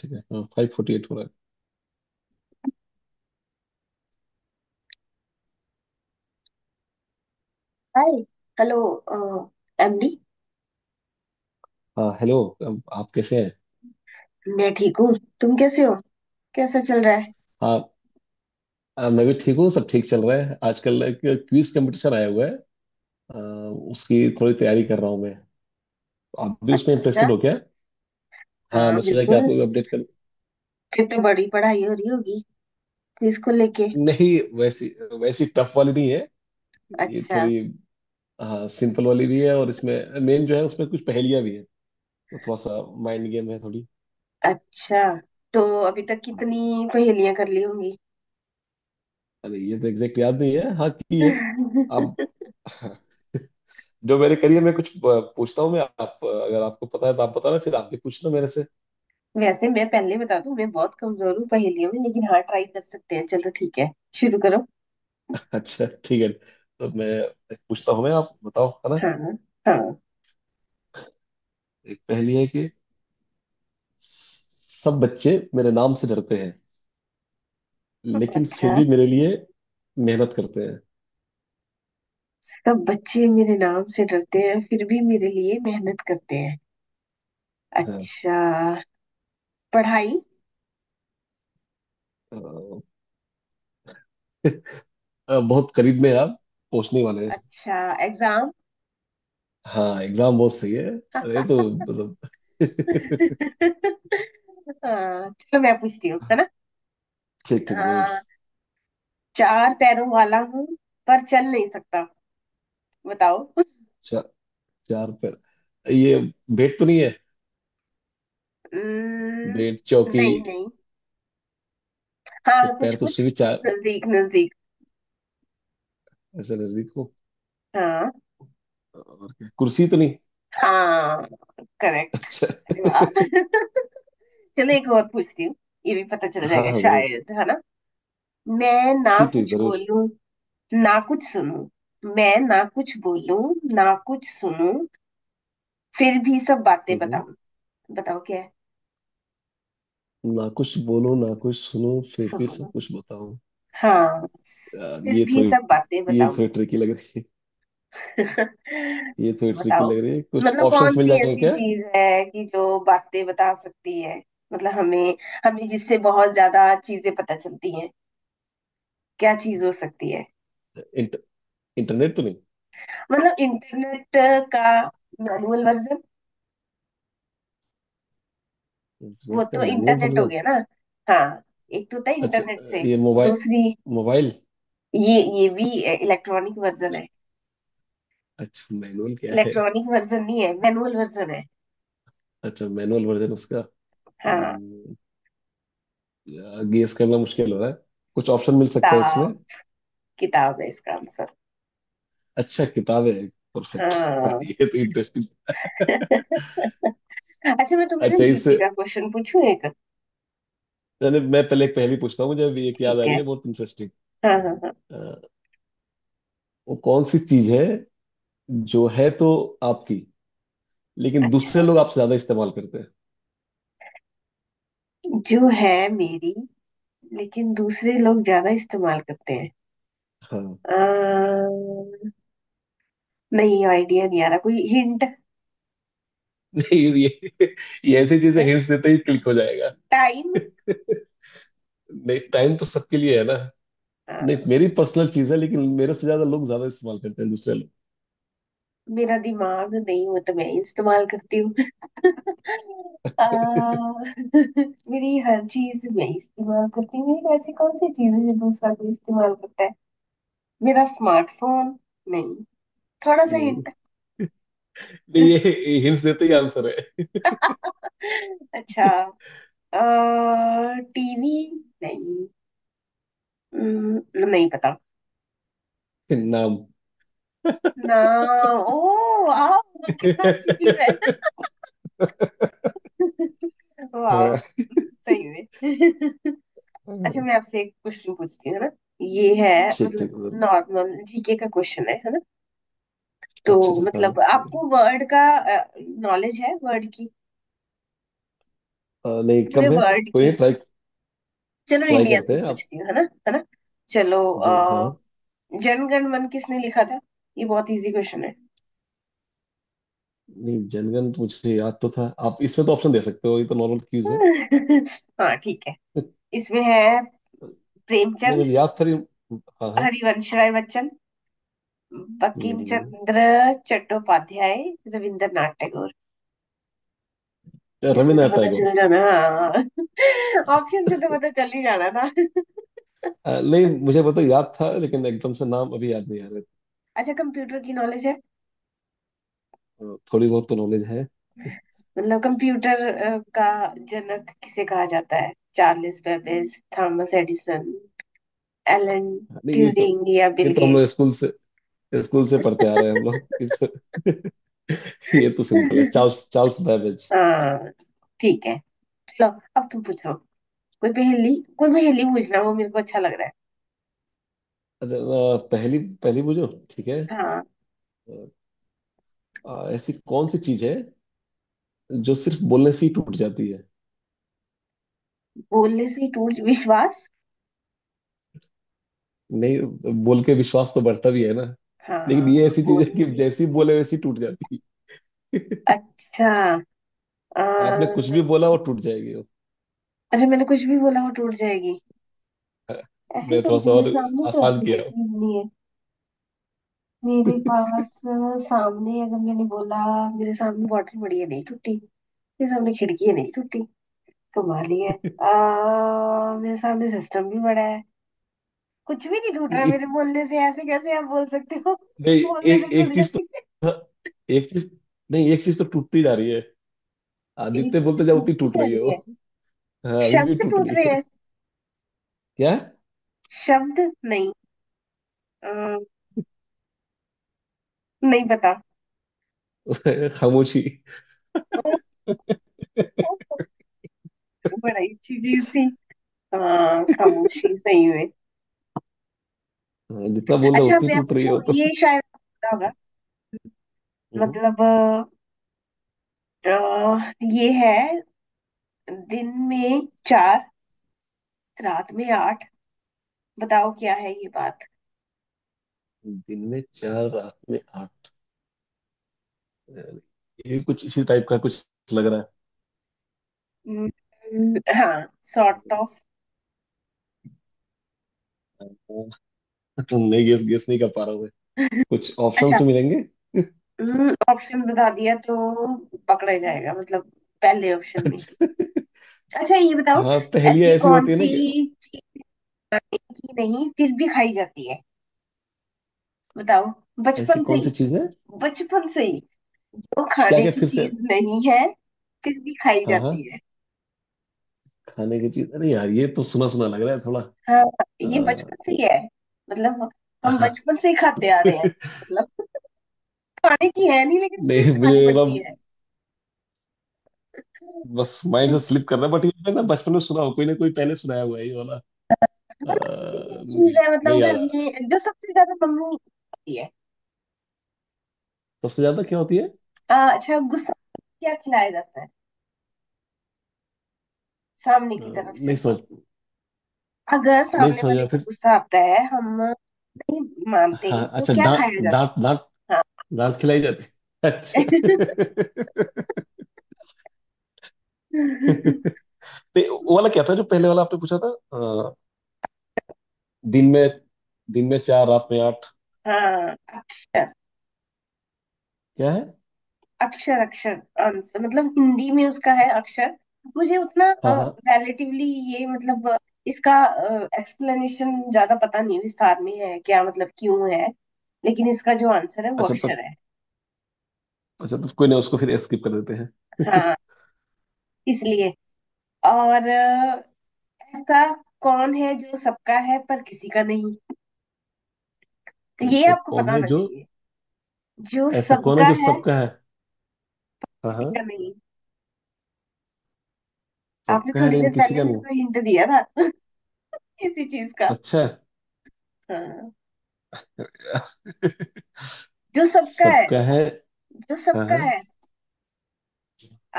ठीक है, हाँ 5:40 हो रहा है। हाय। हेलो। एमडी, हाँ, हेलो है। अब आप कैसे हैं? मैं ठीक हूँ। तुम कैसे हो? कैसा चल रहा है? हाँ, मैं भी ठीक हूँ। सब ठीक चल रहा है। आजकल एक क्विज कंपटीशन आया हुआ है। आ, उसकी थोड़ी तैयारी कर रहा हूँ मैं। आप भी उसमें अच्छा। इंटरेस्टेड हो क्या? हाँ, हाँ, मैं सोचा कि बिल्कुल। आपको भी अपडेट कर। फिर तो बड़ी पढ़ाई हो रही होगी क्विज को लेके। नहीं, वैसी वैसी टफ वाली नहीं है। ये अच्छा। थोड़ी, हाँ सिंपल वाली भी है, और इसमें मेन जो है उसमें कुछ पहेलियाँ भी है। तो थोड़ा सा माइंड गेम है थोड़ी। अच्छा तो अभी तक कितनी पहेलियां कर ली होंगी? अरे, ये तो एग्जैक्ट याद नहीं है, हाँ की है। आप, जो मेरे करियर में कुछ पूछता हूँ मैं, आप अगर आपको पता है तो आप बताना, फिर आप भी पूछना मेरे से। वैसे मैं पहले बता दूं, मैं बहुत कमजोर हूँ पहेलियों में, लेकिन हाँ ट्राई कर सकते हैं। चलो, ठीक है, शुरू करो। अच्छा ठीक है, तो मैं एक पूछता हूँ, मैं आप बताओ, है ना। हाँ, हाँ। एक पहेली है कि सब बच्चे मेरे नाम से डरते हैं, लेकिन फिर अच्छा। भी मेरे लिए मेहनत करते हैं। सब बच्चे मेरे नाम से डरते हैं फिर भी मेरे लिए मेहनत करते हैं। हाँ। अच्छा। पढ़ाई। अ, बहुत करीब में आप पहुंचने वाले हैं। अच्छा। एग्जाम। हाँ, एग्जाम बहुत सही है। अरे तो मतलब हाँ, चलो मैं पूछती हूँ, है ना। ठीक ठीक, जरूर। हाँ, चार पैरों वाला हूँ पर चल नहीं सकता। बताओ। चा, चार पैर, ये बेट तो नहीं है? हम्म, बेट चौकी, नहीं नहीं। हाँ, कुछ पैर तो कुछ। उसमें भी चार। नजदीक नजदीक। ऐसा नजदीक हो? हाँ। और क्या, कुर्सी तो नहीं? हाँ, करेक्ट। अच्छा। वाह। चलो, एक और पूछती हूँ। ये भी पता चल हाँ जाएगा हाँ, जरूर। शायद, है ना। मैं ना ठीक ठीक, कुछ जरूर। बोलूं ना कुछ सुनूं, मैं ना कुछ बोलूं ना कुछ सुनूं, फिर भी सब बातें हम्म, बताऊं। बताओ क्या है। ना कुछ बोलो ना कुछ सुनो, फिर भी सब सुनो। कुछ बताओ। हाँ, यार, फिर भी सब बातें ये बताओ। थोड़ी ट्रिकी लग रही है। ये थोड़ी ट्रिकी बताओ। लग रही है, कुछ मतलब ऑप्शंस कौन मिल सी जाएंगे ऐसी क्या? चीज है कि जो बातें बता सकती है? मतलब हमें हमें जिससे बहुत ज्यादा चीजें पता चलती हैं। क्या चीज हो सकती है? इंट, इंटरनेट तो नहीं? मतलब इंटरनेट का मैनुअल वर्जन। वो इंटरनेट का तो मैनुअल इंटरनेट हो वर्जन? गया ना। हाँ, एक तो था अच्छा, इंटरनेट से, ये मोबाइल। दूसरी मोबाइल। ये भी इलेक्ट्रॉनिक वर्जन है। अच्छा मैनुअल क्या है? इलेक्ट्रॉनिक वर्जन नहीं है, मैनुअल वर्जन है। अच्छा, मैनुअल वर्जन उसका। हाँ, गेस करना मुश्किल हो रहा है, कुछ ऑप्शन मिल सकता है इसमें? किताब, किताब है इसका आंसर। अच्छा, किताब है। परफेक्ट। हाँ। ये तो इंटरेस्टिंग। अच्छा, मैं तुम्हें ना अच्छा, जीके इससे, का क्वेश्चन पूछूं एक। मैं पहले एक पहेली पूछता हूँ, मुझे अभी एक याद आ ठीक रही है। है बहुत इंटरेस्टिंग। हाँ, हाँ, हाँ। वो कौन सी चीज है जो है तो आपकी, लेकिन दूसरे अच्छा, लोग आपसे ज्यादा इस्तेमाल करते हैं? जो है मेरी लेकिन दूसरे लोग ज्यादा इस्तेमाल करते हैं। हाँ। अ, नहीं, आइडिया नहीं आ रहा। कोई हिंट नहीं, ये, ये ऐसी चीजें है? हिंट्स देते ही क्लिक हो जाएगा। टाइम। नहीं, टाइम तो सबके लिए है ना। नहीं, मेरी पर्सनल चीज है लेकिन मेरे से ज्यादा लोग ज्यादा इस्तेमाल करते हैं, दूसरे लोग। मेरा दिमाग नहीं, वो तो मैं ही इस्तेमाल करती हूँ। अ, मेरी हर चीज मैं ही इस्तेमाल करती हूँ। मेरी ऐसी कौन सी चीज है जो दूसरा कोई इस्तेमाल करता है? मेरा स्मार्टफोन? नहीं, थोड़ा सा नहीं हिंट। नहीं, ये हिंट्स देते ही आंसर है। अच्छा, टीवी? नहीं। नहीं पता। नाम। ना। ओ, वाह, कितना अच्छी चीज है। वाह, हाँ। सही में। अच्छा, मैं आपसे एक क्वेश्चन पूछती हूँ, है ना। ये है, ठीक मतलब ठीक। नॉर्मल जीके का क्वेश्चन है ना। तो अच्छा अच्छा, हाँ मतलब ठीक है। आपको वर्ड का नॉलेज है? वर्ड की, नहीं, पूरे कम है। वर्ड कोई नहीं, की। ट्राई, चलो ट्राई इंडिया करते से हैं आप। पूछती हूँ, है ना, है ना। चलो, हाँ, जनगण मन किसने लिखा था? ये बहुत इजी क्वेश्चन है। नहीं जनगण तो मुझे याद तो था। आप इसमें तो ऑप्शन दे सकते हो, ये तो नॉर्मल क्यूज है। हाँ, ठीक है, इसमें है नहीं प्रेमचंद, मुझे याद था हाँ हाँ। हरिवंश राय बच्चन, बंकिम नहीं, चंद्र चट्टोपाध्याय, रविंद्रनाथ टैगोर। इसमें तो रविन्द्रनाथ पता चल टैगोर। जाना, ऑप्शन से तो पता चल ही जाना था। नहीं मुझे पता, याद था, लेकिन एकदम से नाम अभी याद नहीं आ अच्छा, कंप्यूटर की नॉलेज है? रहा। थोड़ी बहुत तो नॉलेज है। मतलब कंप्यूटर का जनक किसे कहा जाता है? Charles Babbage, Thomas Edison, Alan नहीं, ये तो, ट्यूरिंग या ये बिल तो हम लोग गेट्स। स्कूल से पढ़ते आ रहे हैं हम लोग, ये तो ये तो सिंपल है, चार्ल्स चार्ल्स बैबेज। हाँ, ठीक है। चलो, अब तुम पूछो। कोई पहेली पूछना, वो मेरे को अच्छा लग रहा अच्छा। पहली पहली बुझो, ठीक है। है। हाँ, ऐसी कौन सी चीज है जो सिर्फ बोलने से ही टूट जाती है? बोलने से टूट? विश्वास? नहीं, बोल के विश्वास तो बढ़ता भी है ना। लेकिन ये हाँ, ऐसी चीज है कि बोलने जैसे ही से, बोले वैसे ही टूट जाती है। अच्छा। आ, आपने कुछ भी बोला, वो टूट जाएगी वो। अच्छा, मैंने कुछ भी बोला वो टूट जाएगी। ऐसी मैं कौन थोड़ा सी, सा मेरे और सामने तो आसान ऐसी कोई किया हूं। चीज नहीं है। मेरे पास सामने अगर मैंने बोला, मेरे सामने बॉटल पड़ी है, नहीं टूटी। मेरे सामने खिड़की है, नहीं टूटी। कमाल ही है। मेरे सामने सिस्टम भी बड़ा है, कुछ भी नहीं टूट रहा है नहीं, मेरे बोलने से। ऐसे कैसे आप बोल सकते हो कि नहीं, बोलने से एक टूट एक चीज तो जाती है? एक चीज, नहीं एक चीज तो टूटती जा रही है। आप एक जितने चीज बोलते जाओ, उतनी टूटती टूट जा रही है रही वो। है? हाँ, अभी भी शब्द टूट टूट रही रहे है। हैं? क्या? शब्द? नहीं। अ, नहीं पता। खामोशी। ओ, ओ, बड़ा ही अच्छी चीज थी। हाँ, खामोशी सही में। हाँ, जितना बोल रहे हो अच्छा, उतनी मैं टूट रही है पूछूं, वो तो। ये शायद आपको पता होगा। हम्म, मतलब ये है: दिन में चार, रात में आठ। बताओ क्या है ये बात। दिन में चार रात में आठ, ये कुछ इसी टाइप का कुछ लग रहा हाँ, सॉर्ट है। ऑफ। नहीं, गेस, गेस नहीं कर पा रहा मैं, कुछ अच्छा, ऑप्शंस मिलेंगे? ऑप्शन बता दिया तो पकड़ा ही जाएगा, मतलब पहले ऑप्शन में। अच्छा, अच्छा, ये बताओ, हाँ पहेलियाँ ऐसी ऐसी कौन होती है ना सी कि की नहीं फिर भी खाई जाती है? बताओ। ऐसी बचपन से कौन ही, सी चीज है। बचपन से ही वो क्या खाने क्या, की फिर से? चीज नहीं है फिर भी खाई हाँ हाँ, जाती है। खाने की चीज। अरे यार, ये तो सुना सुना लग रहा है थोड़ा। हाँ, ये अ, बचपन से ही है, मतलब हम हाँ। बचपन से ही खाते आ रहे हैं। मतलब खाने की है नहीं, लेकिन स्टिल नहीं मुझे खानी ना, पड़ती है। बस माइंड से स्लिप कर रहा है, बट ये मैंने ना बचपन में सुना हो, कोई ना कोई पहले सुनाया हुआ है ये वाला। ऐसी क्या चीज नहीं, है, नहीं मतलब घर याद आ रहा। में जो सबसे ज्यादा मम्मी खाती है? सबसे ज्यादा क्या होती है? अच्छा, गुस्सा, क्या खिलाया जाता है सामने की तरफ नहीं से? समझ, अगर नहीं सामने समझ वाले रहा को फिर। गुस्सा आता है, हम नहीं मानते हाँ, तो अच्छा, क्या खाया डांट डांट जाता डांट। है? हाँ। डांट खिलाई जाती है। अच्छा। नहीं, वो वाला क्या था जो पहले वाला आपने पूछा था? अ, दिन में दिन में चार, रात में आठ। हाँ, अक्षर, क्या है? अक्षर, अक्षर आंसर, मतलब हिंदी में उसका है अक्षर। मुझे उतना हाँ हाँ। रिलेटिवली, ये मतलब इसका एक्सप्लेनेशन ज्यादा पता नहीं विस्तार में है, क्या मतलब क्यों है, लेकिन इसका जो आंसर है वो अच्छा तो, अक्षर है। अच्छा तो कोई नहीं, उसको फिर स्किप कर देते हैं। हाँ, इसलिए। और ऐसा कौन है जो सबका है पर किसी का नहीं, तो ये ऐसा आपको कौन पता है होना जो, चाहिए। जो ऐसा कौन है सबका जो है, सबका है। हाँ किसी हाँ। का नहीं। आपने सबका है थोड़ी लेकिन देर किसी पहले का मेरे नहीं। को हिंट दिया था इसी चीज का। अच्छा। हाँ। जो सबका है, सबका है। जो हाँ सबका हाँ, है।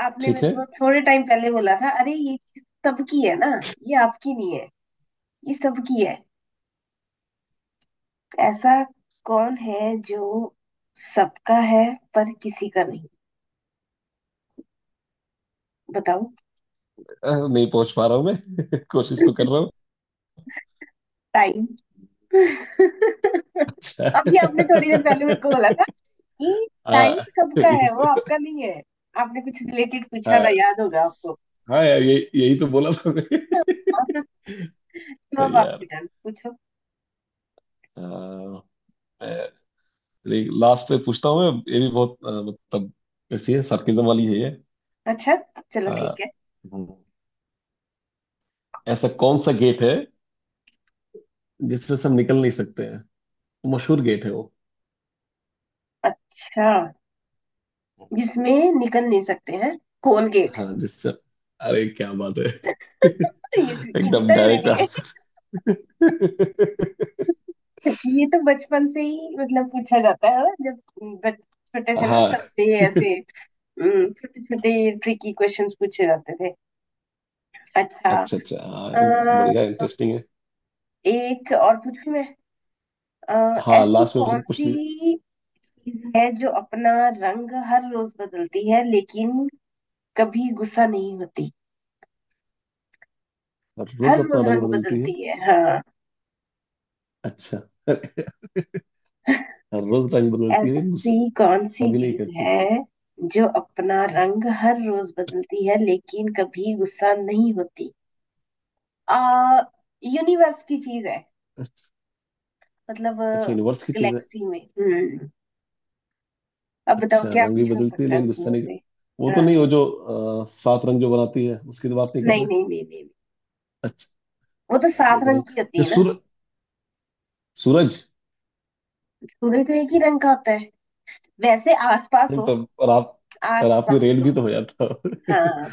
आपने ठीक मेरे है। को थोड़े टाइम पहले बोला था अरे ये चीज सबकी है ना, ये आपकी नहीं है, ये सबकी है। ऐसा कौन है जो सबका है पर किसी का नहीं? बताओ। नहीं पहुंच पा रहा हूँ मैं। कोशिश तो कर रहा हूँ। टाइम। अच्छा। अभी आपने थोड़ी देर पहले मेरे को बोला था कि टाइम हाँ। सबका है, इस- वो आपका नहीं है। आपने कुछ रिलेटेड पूछा हाँ। था, याद होगा स- हाँ यार, ये यही तो बोला था मैं। आपको। तो अब सही आपकी यार। टर्न, पूछो। हाँ, मैं- एक लास्ट से पूछता हूँ मैं, ये भी बहुत मतलब अच्छी है, sarcasm वाली है ये। अच्छा, चलो, अ, ठीक है। हम्म, ऐसा कौन सा गेट है जिसमें से हम निकल नहीं सकते हैं? मशहूर गेट है वो। अच्छा, जिसमें निकल नहीं सकते हैं? कोलगेट। हाँ, जिससे, अरे क्या बात है। ये tricky नहीं एकदम था मेरे डायरेक्ट लिए। आंसर। ये तो बचपन से ही मतलब पूछा जाता है ना? जब बच छोटे थे ना, हाँ, तब से ये ऐसे छोटे छोटे ट्रिकी क्वेश्चंस पूछे जाते थे। अच्छा। अच्छा अच्छा, हाँ बढ़िया, अ, इंटरेस्टिंग है। एक और पूछूं मैं। हाँ ऐसी लास्ट में कौन उसने पूछ सी लिया। चीज है जो अपना रंग हर रोज बदलती है लेकिन कभी गुस्सा नहीं होती? हर हर रोज अपना रोज रंग रंग बदलती है? बदलती है, हाँ। अच्छा। हर रोज रंग बदलती है, ऐसी गुस्सा कौन सी भी नहीं चीज करती। है जो अपना रंग हर रोज बदलती है लेकिन कभी गुस्सा नहीं होती? आ यूनिवर्स की चीज है, अच्छा। मतलब अच्छा यूनिवर्स की चीज है। गैलेक्सी में। अब बताओ अच्छा, क्या रंग भी कुछ हो बदलती है सकता है लेकिन गुस्सा उसमें नहीं। से। वो तो नहीं, हाँ। वो जो सात रंग जो बनाती है उसकी तो बात नहीं कर नहीं रहे? नहीं नहीं नहीं, अच्छा। वो तो सात रोज रंग रंग, की होती जो है ना। सूरज। सूर्य तो एक ही रंग का होता है वैसे। आसपास नहीं हो, तो, रात, रात में आसपास रेल भी तो हो। हो जाता है। हाँ,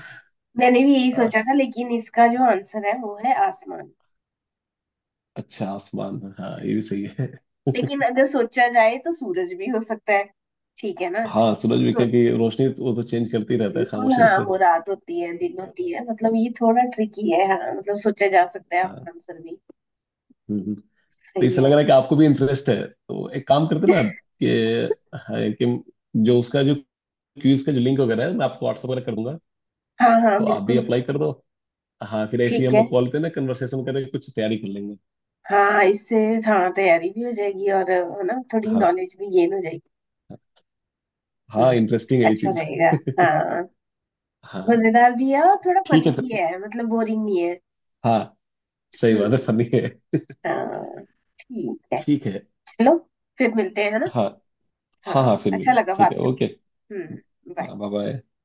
मैंने भी यही सोचा आस, था, लेकिन इसका जो आंसर है वो है आसमान। अच्छा, आसमान हाँ, ये भी सही है। लेकिन अगर सोचा जाए तो सूरज भी हो सकता है, ठीक है ना हाँ, सूरज भी तो। क्या कि रोशनी तो- वो तो चेंज करती रहता है बिल्कुल, खामोशी हाँ, से। वो रात होती है दिन होती है, मतलब ये थोड़ा ट्रिकी है, हाँ मतलब सोचा जा सकता है हाँ। आपका आंसर भी हम्म, हम्म। तो सही इससे लग है। रहा है कि आपको भी इंटरेस्ट है, तो एक काम करते ना, कि हाँ, कि जो उसका जो क्यूज का जो लिंक वगैरह है, मैं आपको व्हाट्सएप वगैरह कर दूंगा। हाँ, हाँ, तो आप भी बिल्कुल। अप्लाई कर दो। हाँ, फिर ऐसे ही ठीक हम है। लोग कॉल पे ना कन्वर्सेशन करके कुछ तैयारी कर लेंगे। हाँ, इससे, हाँ, तैयारी भी हो जाएगी और है ना थोड़ी हाँ, नॉलेज भी गेन हो जाएगी। हाँ हम्म इंटरेस्टिंग है ये अच्छा चीज। रहेगा। हाँ, हाँ मजेदार भी है और थोड़ा ठीक है फनी फिर। भी है, मतलब बोरिंग नहीं है। हाँ, सही बात है, हम्म। फनी है। हाँ, ठीक है। ठीक है। चलो, फिर मिलते हैं, है ना। हाँ। हाँ हाँ, हाँ, फिर अच्छा मिलते हैं। लगा ठीक है, बात करके। ओके। हम्म, हाँ, बाय। Bye bye.